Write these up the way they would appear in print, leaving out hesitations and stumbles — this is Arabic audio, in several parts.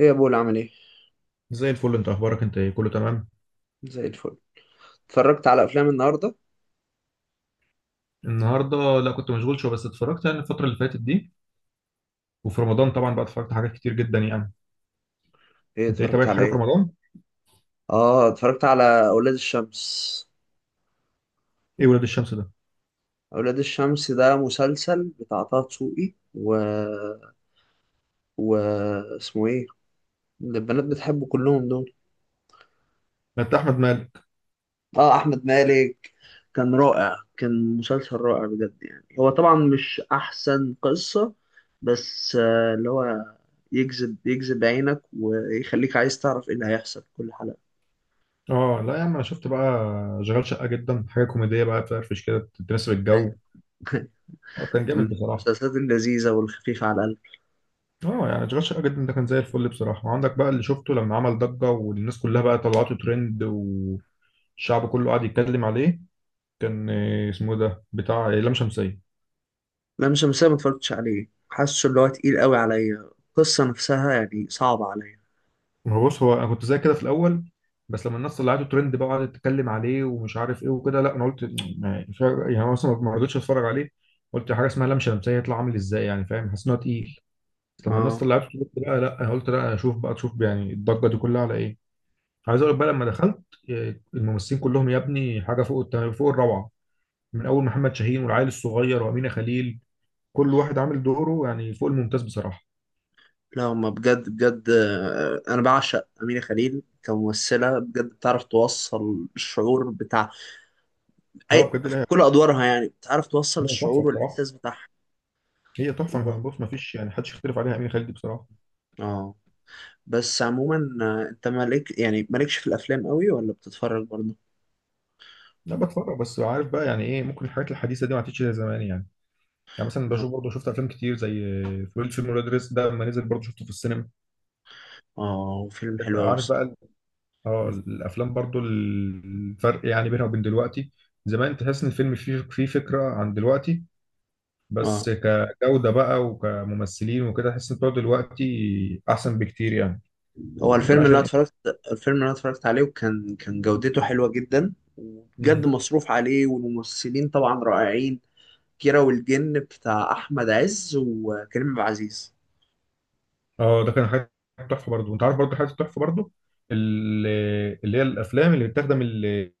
ايه يا بول، عامل ايه؟ زي الفل، انت اخبارك؟ انت ايه كله تمام؟ زي الفل. اتفرجت على افلام النهارده؟ النهارده لا، كنت مشغول شويه، بس اتفرجت يعني الفتره اللي فاتت دي. وفي رمضان طبعا بقى اتفرجت حاجات كتير جدا يعني. ايه انت ايه اتفرجت تابعت على حاجه في ايه؟ رمضان؟ اه اتفرجت على اولاد الشمس. ايه ولاد الشمس ده؟ اولاد الشمس ده مسلسل بتاع طه دسوقي و اسمه ايه؟ اللي البنات بتحبه كلهم دول. ده بتاع احمد مالك. اه احمد مالك. كان رائع، كان مسلسل رائع بجد، يعني هو طبعا مش احسن قصة، بس اللي هو يجذب عينك ويخليك عايز تعرف ايه اللي هيحصل في كل حلقة. اه لا يا عم انا شفت بقى. شغال شقه جدا، حاجه كوميديه بقى تفرفش كده، تناسب الجو. أيوة. اه كان كان جامد من بصراحه. المسلسلات اللذيذة والخفيفة على القلب. اه يعني شغال شقه جدا ده كان زي الفل بصراحه. وعندك بقى اللي شفته لما عمل ضجه والناس كلها بقى طلعته ترند والشعب كله قاعد يتكلم عليه. كان اسمه إيه ده بتاع لام شمسيه. لام شمسية ما اتفرجتش عليه، حاسه اللي هو تقيل قوي عليا، القصة نفسها يعني صعبة عليا. ما هو بص، هو انا كنت زي كده في الاول، بس لما الناس طلعته ترند بقى وقعدت تتكلم عليه ومش عارف ايه وكده، لا انا قلت ما- مش عارف- يعني أنا مثلا ما رضيتش اتفرج عليه. قلت حاجه اسمها لام شمسيه يطلع عامل ازاي، يعني فاهم، حاسس ان هو تقيل. بس لما الناس اه طلعته ترند بقى، لا انا قلت لا اشوف بقى، تشوف يعني الضجه دي كلها على ايه. عايز اقول لك بقى لما دخلت، الممثلين كلهم يا ابني حاجه فوق الروعه. من اول محمد شاهين والعيل الصغير وامينه خليل، كل واحد عامل دوره يعني فوق الممتاز بصراحه. لا، ما بجد بجد، انا بعشق أمينة خليل كممثلة، بجد بتعرف توصل الشعور بتاع اه اي بجد في لا. كل ادوارها، يعني بتعرف توصل هو تحفه الشعور بصراحه. والاحساس بتاعها. هي تحفه، و... بص ما فيش يعني حدش يختلف عليها، امين خالد دي بصراحه. اه. بس عموما انت مالك يعني مالكش في الافلام قوي ولا بتتفرج برضه؟ لا بتفرج، بس عارف بقى، يعني ايه، ممكن الحاجات الحديثه دي ما عادتش زي زمان يعني. يعني مثلا اه. بشوف برضه، شفت افلام كتير زي فول فيلم ولاد رزق ده لما نزل برضه شفته في السينما. اه فيلم عندك حلو بقى، قوي الصراحة. اه الافلام برضه الفرق يعني بينها وبين دلوقتي. زمان تحس ان الفيلم فيه فكره عن دلوقتي، اه بس كجوده بقى وكممثلين وكده تحس ان بتوع دلوقتي احسن بكتير يعني. هو الفيلم ممكن اللي انا عشان اتفرجت، الفيلم اللي انا اتفرجت عليه، وكان جودته حلوه جدا، وبجد إيه؟ مصروف عليه والممثلين طبعا رائعين. كيرة والجن بتاع احمد عز وكريم عبد العزيز. اه ده كان حاجه تحفه برضه. وانت عارف برضه حاجه تحفه برضه، ال- اللي هي الافلام اللي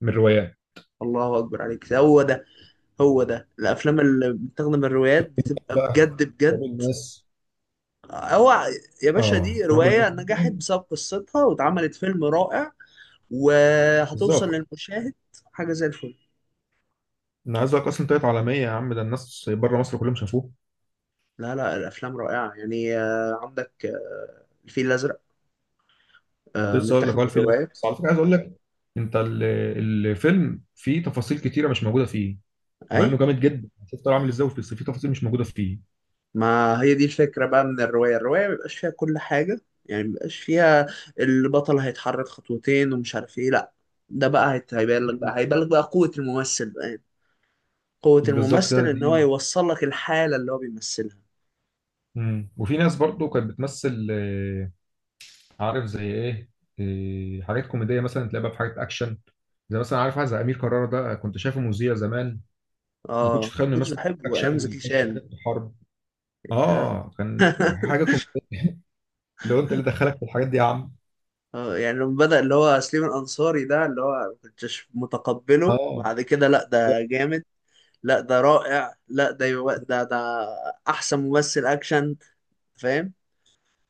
من الروايات الله اكبر عليك، ده هو ده. هو ده الافلام اللي بتاخد من الروايات بتبقى بقى. بجد تراب بجد. الماس. هو يا باشا، اه دي تراب روايه الماس نجحت مثلا، بسبب قصتها واتعملت فيلم رائع وهتوصل بالظبط. للمشاهد. حاجه زي الفل. انا عايز اقول لك اصلا طلعت عالميه يا عم، ده الناس بره مصر كلهم شافوه. لا لا، الافلام رائعه، يعني عندك الفيل الازرق كنت لسه اقول متاخد لك، من هو الفيلم الرواية. بس على فكره عايز اقول لك، انت ال- الفيلم فيه تفاصيل كتيره مش موجوده فيه. مع انه أيوة. جامد جدا، شفت هو عامل ازاي، بس فيه تفاصيل مش موجوده فيه. ما هي دي الفكرة بقى من الرواية، الرواية مبيبقاش فيها كل حاجة، يعني مبيبقاش فيها البطل هيتحرك خطوتين ومش عارف ايه، لأ. ده بقى مم. هيبان لك بقى قوة الممثل بقى، يعني. قوة بالظبط كده الممثل إن هو دي. يوصل لك الحالة اللي هو بيمثلها. وفي ناس برضه كانت بتمثل عارف زي ايه، حاجات كوميديه مثلا تلاقيها بقى في حاجات اكشن. زي مثلا عارف واحد زي امير كرارة ده، كنت شايفه مذيع زمان، ما كنتش اه اتخيل ما انه كنتش يمثل حاجات بحبه أيام اكشن زكي ويخش شان. حاجات حرب. آه. اه كان حاجه كوميديه، لو انت اللي دخلك في الحاجات دي يا عم. اه، يعني لما بدأ اللي هو سليم الأنصاري، ده اللي هو ما كنتش متقبله، اه. بعد كده لأ ده جامد. لا ده رائع، لا ده يو... ده ده احسن ممثل اكشن، فاهم؟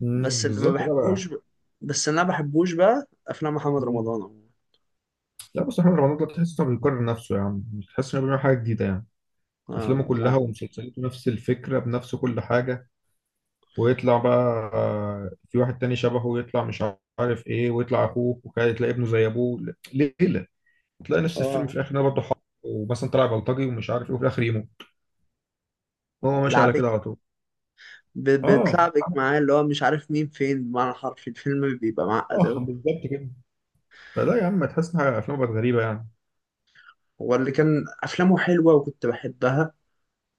بس اللي ما بالظبط، لا بحبوش بقى. ب... بس اللي انا ما بحبوش بقى افلام محمد مم. رمضان عموما. لا بس احمد رمضان ده تحس انه بيكرر نفسه يا عم، مش تحس انه بيعمل حاجه جديده يعني. اه افلامه كلها لا. ومسلسلاته نفس الفكره بنفس كل حاجه، ويطلع بقى، في واحد تاني شبهه يطلع مش عارف ايه ويطلع اخوه، وكده تلاقي ابنه زي ابوه ليله، تلاقي نفس الفيلم في آه، الاخر ده برضه حق، ومثلا طلع بلطجي ومش عارف ايه وفي الاخر يموت. هو ماشي على لعبك، كده على طول. اه. بتلعبك معاه، اللي هو مش عارف مين فين بمعنى حرفي، الفيلم بيبقى معقد اه أوي. بالظبط كده، فلا يا عم تحس ان افلام بقت غريبه يعني. هو اللي كان افلامه حلوه وكنت بحبها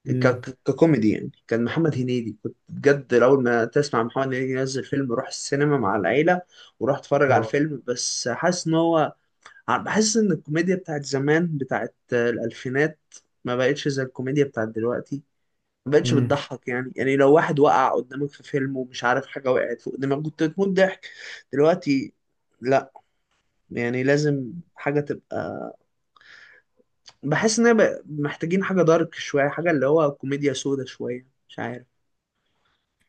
امم. ككوميدي، يعني كان محمد هنيدي، كنت بجد اول ما تسمع محمد هنيدي ينزل فيلم روح السينما مع العيله وروح اتفرج على اه. الفيلم، بس حاسس ان هو، بحس ان الكوميديا بتاعت زمان، بتاعت الالفينات، ما بقتش زي الكوميديا بتاعت دلوقتي. ما بقتش امم بتضحك يعني، يعني لو واحد وقع قدامك في فيلم ومش عارف حاجة وقعت فوق دماغك كنت تموت ضحك. دلوقتي لا، يعني لازم حاجة تبقى، بحس ان هي محتاجين حاجة دارك شوية، حاجة اللي هو كوميديا سودا شوية، مش عارف.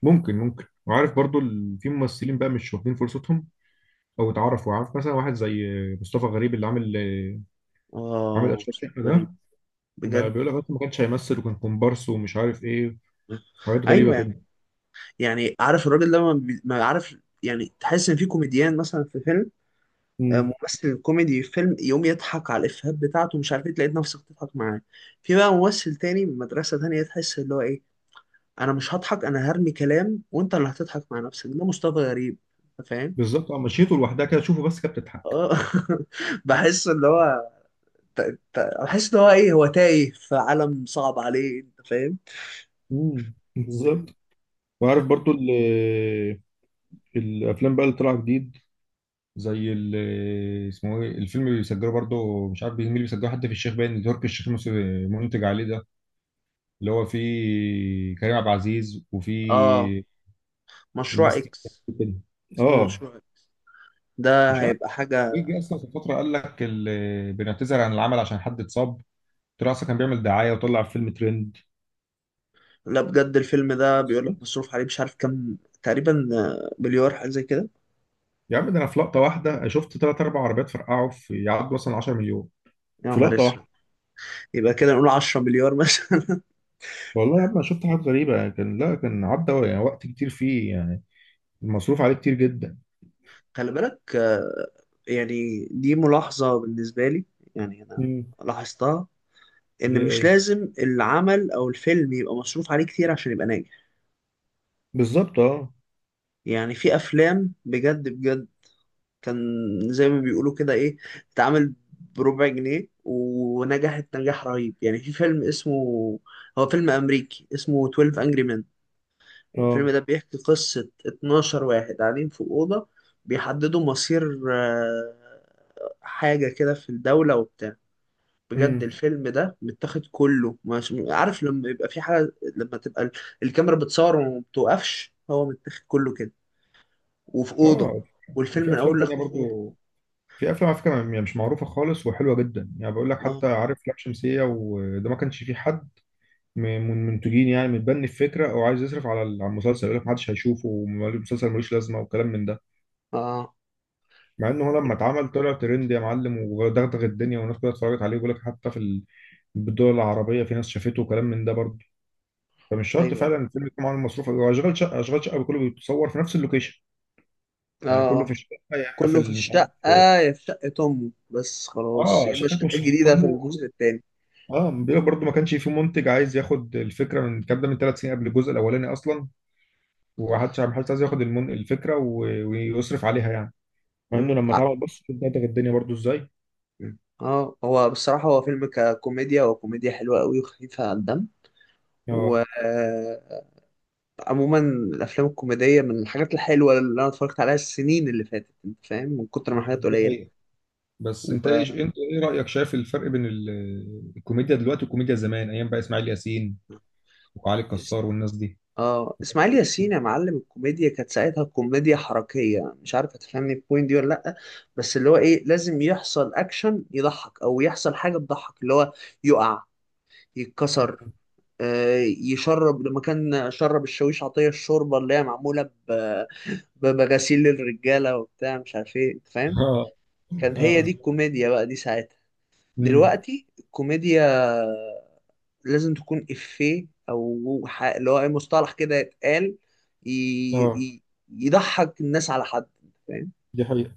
ممكن. في ممثلين بقى مش واخدين فرصتهم او اتعرفوا، عارف مثلا واحد زي مصطفى غريب، اللي عامل اه اشرف شقه غريب، ده. ما بجد. بيقول لك أصلاً ما كانش هيمثل وكان كومبارس ومش عارف ايه، حاجات غريبه ايوه يعني. كده. يعني عارف الراجل ده، ما عارف، يعني تحس ان في كوميديان مثلا في فيلم، امم ممثل كوميدي في فيلم يقوم يضحك على الإفيهات بتاعته، مش عارف ايه، تلاقي نفسك تضحك معاه. في بقى ممثل تاني من مدرسة تانية تحس اللي هو ايه، انا مش هضحك، انا هرمي كلام وانت اللي هتضحك مع نفسك، ده مصطفى غريب، انت فاهم؟ بالظبط. اه مشيته لوحدها كده، شوفه بس كانت بتضحك. آه. بحس اللي هو، ت- بحس اللي هو ايه، هو تايه في عالم صعب عليه، انت فاهم؟ بالظبط. وعارف برضو ال- الافلام بقى اللي طلع جديد، اسمه ايه الفيلم اللي بيسجله برضو، مش عارف مين اللي بيسجله، حتى في الشيخ باين تركي الشيخ منتج عليه ده، اللي هو فيه كريم عبد العزيز اه، وفيه مشروع الناس اكس. كده. اسمه اه مشروع اكس، ده مش عارف هيبقى حاجة. ايه، جه اصلا في فتره قال لك بنعتذر عن العمل عشان حد اتصاب، طلع اصلا كان بيعمل دعايه، وطلع فيلم ترند. لا بجد، الفيلم ده بيقول لك مصروف عليه مش عارف كام تقريبا، مليار حاجة زي كده. يا عم ده انا في لقطه واحده شفت 3 أو 4 عربيات فرقعوا، في يعدوا مثلا 10 مليون يا في نهار لقطه اسود. واحده. يبقى كده نقول 10 مليار مثلا. والله يا عم أنا شفت حاجات غريبه، يعني كان لا كان عدى يعني وقت كتير فيه يعني، المصروف عليه كتير جدا. خلي بالك. يعني دي ملاحظة بالنسبة لي، يعني أنا امم. لاحظتها، إن ليه مش ايه؟ لازم العمل أو الفيلم يبقى مصروف عليه كتير عشان يبقى ناجح. بالظبط اه. يعني في أفلام بجد بجد كان، زي ما بيقولوا كده إيه، اتعمل بربع جنيه ونجحت نجاح رهيب. يعني في فيلم اسمه، هو فيلم أمريكي اسمه 12 Angry Men. الفيلم اه ده بيحكي قصة 12 واحد قاعدين في أوضة بيحددوا مصير آه، حاجة كده في الدولة وبتاع. بجد امم الفيلم ده متاخد كله، مش عارف لما يبقى في حاجة، لما تبقى الكاميرا بتصور وما بتوقفش، هو متاخد كله كده وفي أوضة، اه والفيلم في من افلام أول تانية لآخره في أوضة. برضو، في افلام على فكره يعني مش معروفه خالص وحلوه جدا يعني، بقول لك اه حتى عارف لام شمسيه وده ما كانش فيه حد من المنتجين يعني متبني الفكره او عايز يصرف على على المسلسل، يقول لك ما حدش هيشوفه والمسلسل ملوش لازمه وكلام من ده. اه. آه. مع ان هو لما اتعمل طلع ترند يا معلم ودغدغ الدنيا والناس كلها اتفرجت عليه، ويقول لك حتى في الدول العربيه في ناس شافته وكلام من ده برضه. فمش شرط أيوه فعلا الفيلم يكون معاه مصروف، هو اشغال شقه، اشغال شقه كله بيتصور في نفس اللوكيشن، اه. يعني كله في آه. الشقه، يا اما في كله في مش الشقة، عارف. يا في شقة أمه بس خلاص، اه يا إما شقته الشقة مش الجديدة في الموسم كله. التاني. اه بيقول لك برضه ما كانش في منتج عايز ياخد الفكره من الكلام ده من 3 سنين قبل الجزء الاولاني اصلا، ما حدش عايز ياخد الفكره ويصرف عليها يعني. مع انه آه، لما اتعمل بص دغدغ الدنيا برضه ازاي. مم. اه هو بصراحة هو فيلم ككوميديا، هو كوميديا حلوة قوي وخفيفة على الدم. اه وعموما الأفلام الكوميدية من الحاجات الحلوة اللي أنا اتفرجت عليها السنين اللي فاتت، أنت فاهم، من كتر ما حاجات دي قليلة. حقيقة. بس انت و... ايه انت ايه رايك، شايف الفرق بين الكوميديا دلوقتي والكوميديا زمان ايام بقى اسماعيل ياسين وعلي اس- الكسار والناس دي؟ اه إسماعيل ياسين يا معلم، الكوميديا كانت ساعتها كوميديا حركية، مش عارف هتفهمني البوينت دي ولا لأ؟ بس اللي هو إيه، لازم يحصل أكشن يضحك، أو يحصل حاجة تضحك، اللي هو يقع، يتكسر، آه، يشرب لما كان شرب الشاويش عطية الشوربة اللي هي معمولة بمغاسيل الرجالة وبتاع مش عارف ايه، انت فاهم؟ اه. كان هي اه دي الكوميديا بقى دي ساعتها. امم دلوقتي الكوميديا لازم تكون إفيه، أو اللي هو أي مصطلح كده يتقال، ي... اه ي... يضحك الناس على حد، أنت فاهم. دي حقيقة.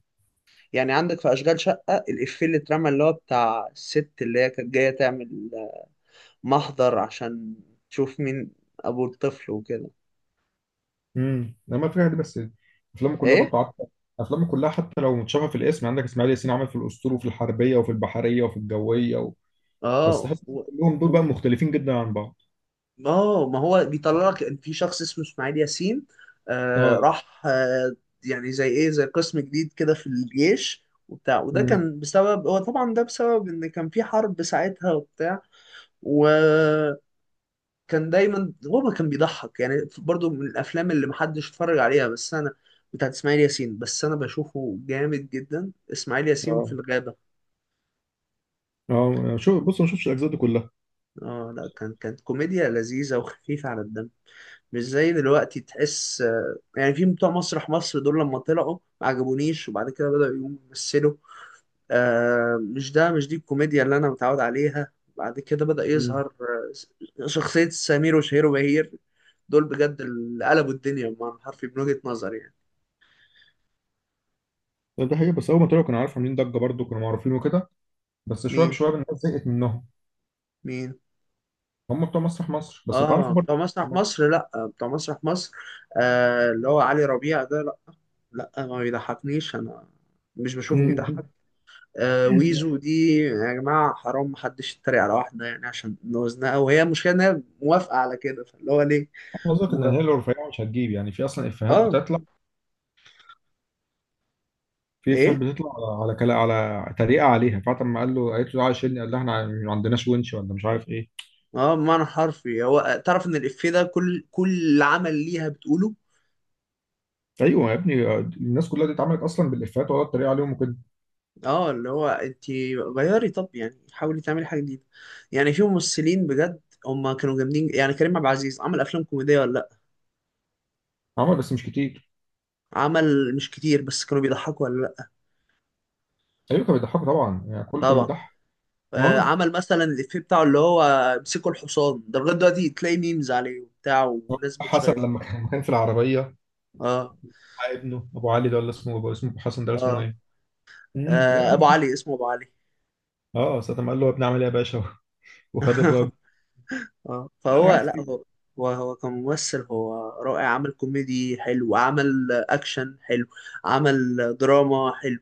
يعني عندك في أشغال شقة الإفيه اللي اترمى اللي هو بتاع الست اللي هي كانت جاية تعمل محضر عشان تشوف مين أبو الطفل وكده. لما في حاجه، بس افلامه كلها إيه؟ برضه عارفه، افلامه كلها حتى لو متشابهه في الاسم. عندك اسماعيل ياسين عمل في الاسطول وفي الحربيه وفي البحريه وفي الجويه اه. بس تحس إن كلهم دول بقى و- مختلفين جدا عن بعض. اه، ما هو بيطلع لك إن في شخص اسمه اسماعيل ياسين، آه اه. راح آه يعني زي ايه، زي قسم جديد كده في الجيش وبتاع، وده امم كان بسبب، هو طبعا ده بسبب ان كان في حرب ساعتها وبتاع، وكان دايما هو ما كان بيضحك. يعني برضو من الافلام اللي محدش اتفرج عليها بس انا، بتاعت اسماعيل ياسين، بس انا بشوفه جامد جدا، اسماعيل ياسين في اه الغابة. اه شو بص ما شفتش الاجزاء دي كلها. اه لا، كان كانت كوميديا لذيذة وخفيفة على الدم، مش زي دلوقتي، تحس يعني في بتوع مسرح مصر دول، لما طلعوا ما عجبونيش، وبعد كده بدأوا يقوموا يمثلوا، مش ده مش دي الكوميديا اللي أنا متعود عليها. بعد كده بدأ يظهر شخصية سمير وشهير وبهير. دول بجد اللي قلبوا الدنيا بمعنى حرفي من وجهة نظري يعني. ده حقيقي، بس اول ما طلعوا كانوا عارفين عاملين ضجه برضو، كانوا معروفين وكده، بس شويه مين؟ بشويه الناس زهقت منهم. مين؟ هم بتوع مسرح مصر بس اه اتعرفوا برضو. بتوع مسرح مصر، لا بتوع مسرح مصر اللي هو علي ربيع ده، لا، لا ما بيضحكنيش انا، مش بشوفه بيضحك. ويزو دي، يا جماعة حرام محدش يتريق على واحدة يعني عشان وزنها، وهي المشكلة إن هي موافقة على كده، فاللي هو ليه؟ قصدك ان و... هي لو رفيعه مش هتجيب؟ يعني في اصلا افيهات آه. بتطلع، في افيهات إيه؟ بتطلع على على كلا على طريقه عليها. فاطمه ما قال له قالت له تعالى شيلني قال لها احنا ما عندناش ونش ولا مش عارف ايه. بمعنى حرفي هو تعرف إن الإفيه ده كل عمل ليها بتقوله. ايوه يا ابني الناس كلها دي اتعملت اصلا بالافيهات ولا الطريقه عليهم وكده. اللي هو أنت غيري، طب يعني حاولي تعملي حاجة جديدة. يعني في ممثلين بجد هما كانوا جامدين، يعني كريم عبد العزيز عمل أفلام كوميدية ولا لأ؟ عمل بس مش كتير. عمل مش كتير بس كانوا بيضحكوا ولا لأ؟ ايوه كان بيضحكوا طبعا يعني كله كان طبعا. بيضحك. اه. عمل مثلا الإفيه بتاعه اللي هو امسكوا الحصان، ده لغاية دلوقتي تلاقي ميمز عليه وبتاع وناس حسن بتشيره. لما كان كان في العربيه اه. ابنه ابو علي ده، ولا اسمه ابو، اسمه ابو حسن ده، اسمه اه. ايه؟ لا أبو عمل- علي، اسمه أبو علي. اه ساعة ما قال له يا ابني عمل ايه يا باشا، وخد الراجل. اه لا فهو لا عادي. هو، هو كممثل هو رائع، عمل كوميدي حلو، عمل أكشن حلو، عمل دراما حلو.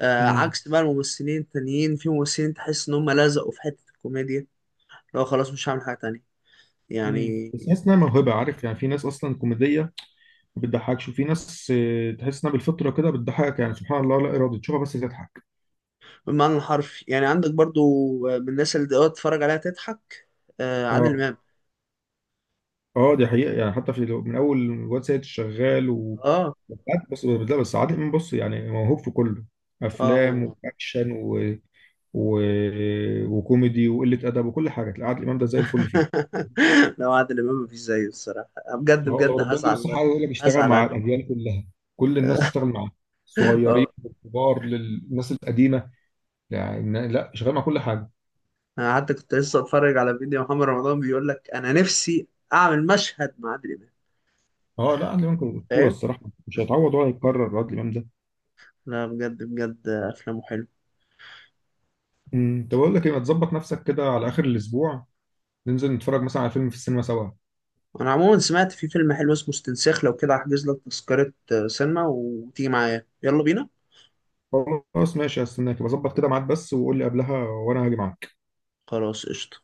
امم عكس بقى الممثلين التانيين، في ممثلين تحس إن هم لزقوا في حتة الكوميديا، لو خلاص مش هعمل حاجة تانية امم يعني. بس تحس انها موهبه، عارف، يعني في ناس اصلا كوميديه ما بتضحكش، وفي ناس تحس انها بالفطره كده بتضحكك يعني، سبحان الله، لا ارادي تشوفها بس تضحك. بالمعنى الحرفي، يعني عندك برضو من الناس اللي تقعد تتفرج عليها تضحك، عادل اه. إمام. اه دي حقيقه، يعني حتى في من اول الواد سيد الشغال اه بس بس لا، بس عادل امام بص يعني موهوب في كله، اه افلام هو. واكشن و... وكوميدي وقله ادب وكل حاجه تلاقي عادل امام ده زي الفل فيها. لو عادل إمام مفيش زيه الصراحة، بجد ما هو لو بجد ربنا يديله هزعل، الصحة، عايز اقول لك، اشتغل هزعل مع عليه. الأديان كلها، كل الناس تشتغل معاه، الصغيرين اه، للكبار للناس القديمة، يعني لا، شغال مع كل حاجة. انا حتى كنت لسه اتفرج على فيديو محمد رمضان بيقول لك انا نفسي اعمل مشهد مع عادل امام، اه لا عادل إمام كان أسطورة فاهم. الصراحة، مش هيتعوض ولا هيتكرر عادل إمام ده. لا بجد بجد افلامه حلو. طب أقول لك إيه، ما تظبط نفسك كده على آخر الأسبوع، ننزل نتفرج مثلا على فيلم في السينما سوا. انا عموما سمعت في فيلم حلو اسمه استنساخ، لو كده هحجز لك تذكرة سينما وتيجي معايا يلا بينا. خلاص ماشي، هستناك، بظبط كده ميعاد بس وقول لي قبلها وأنا هاجي معاك. خلاص قشطة.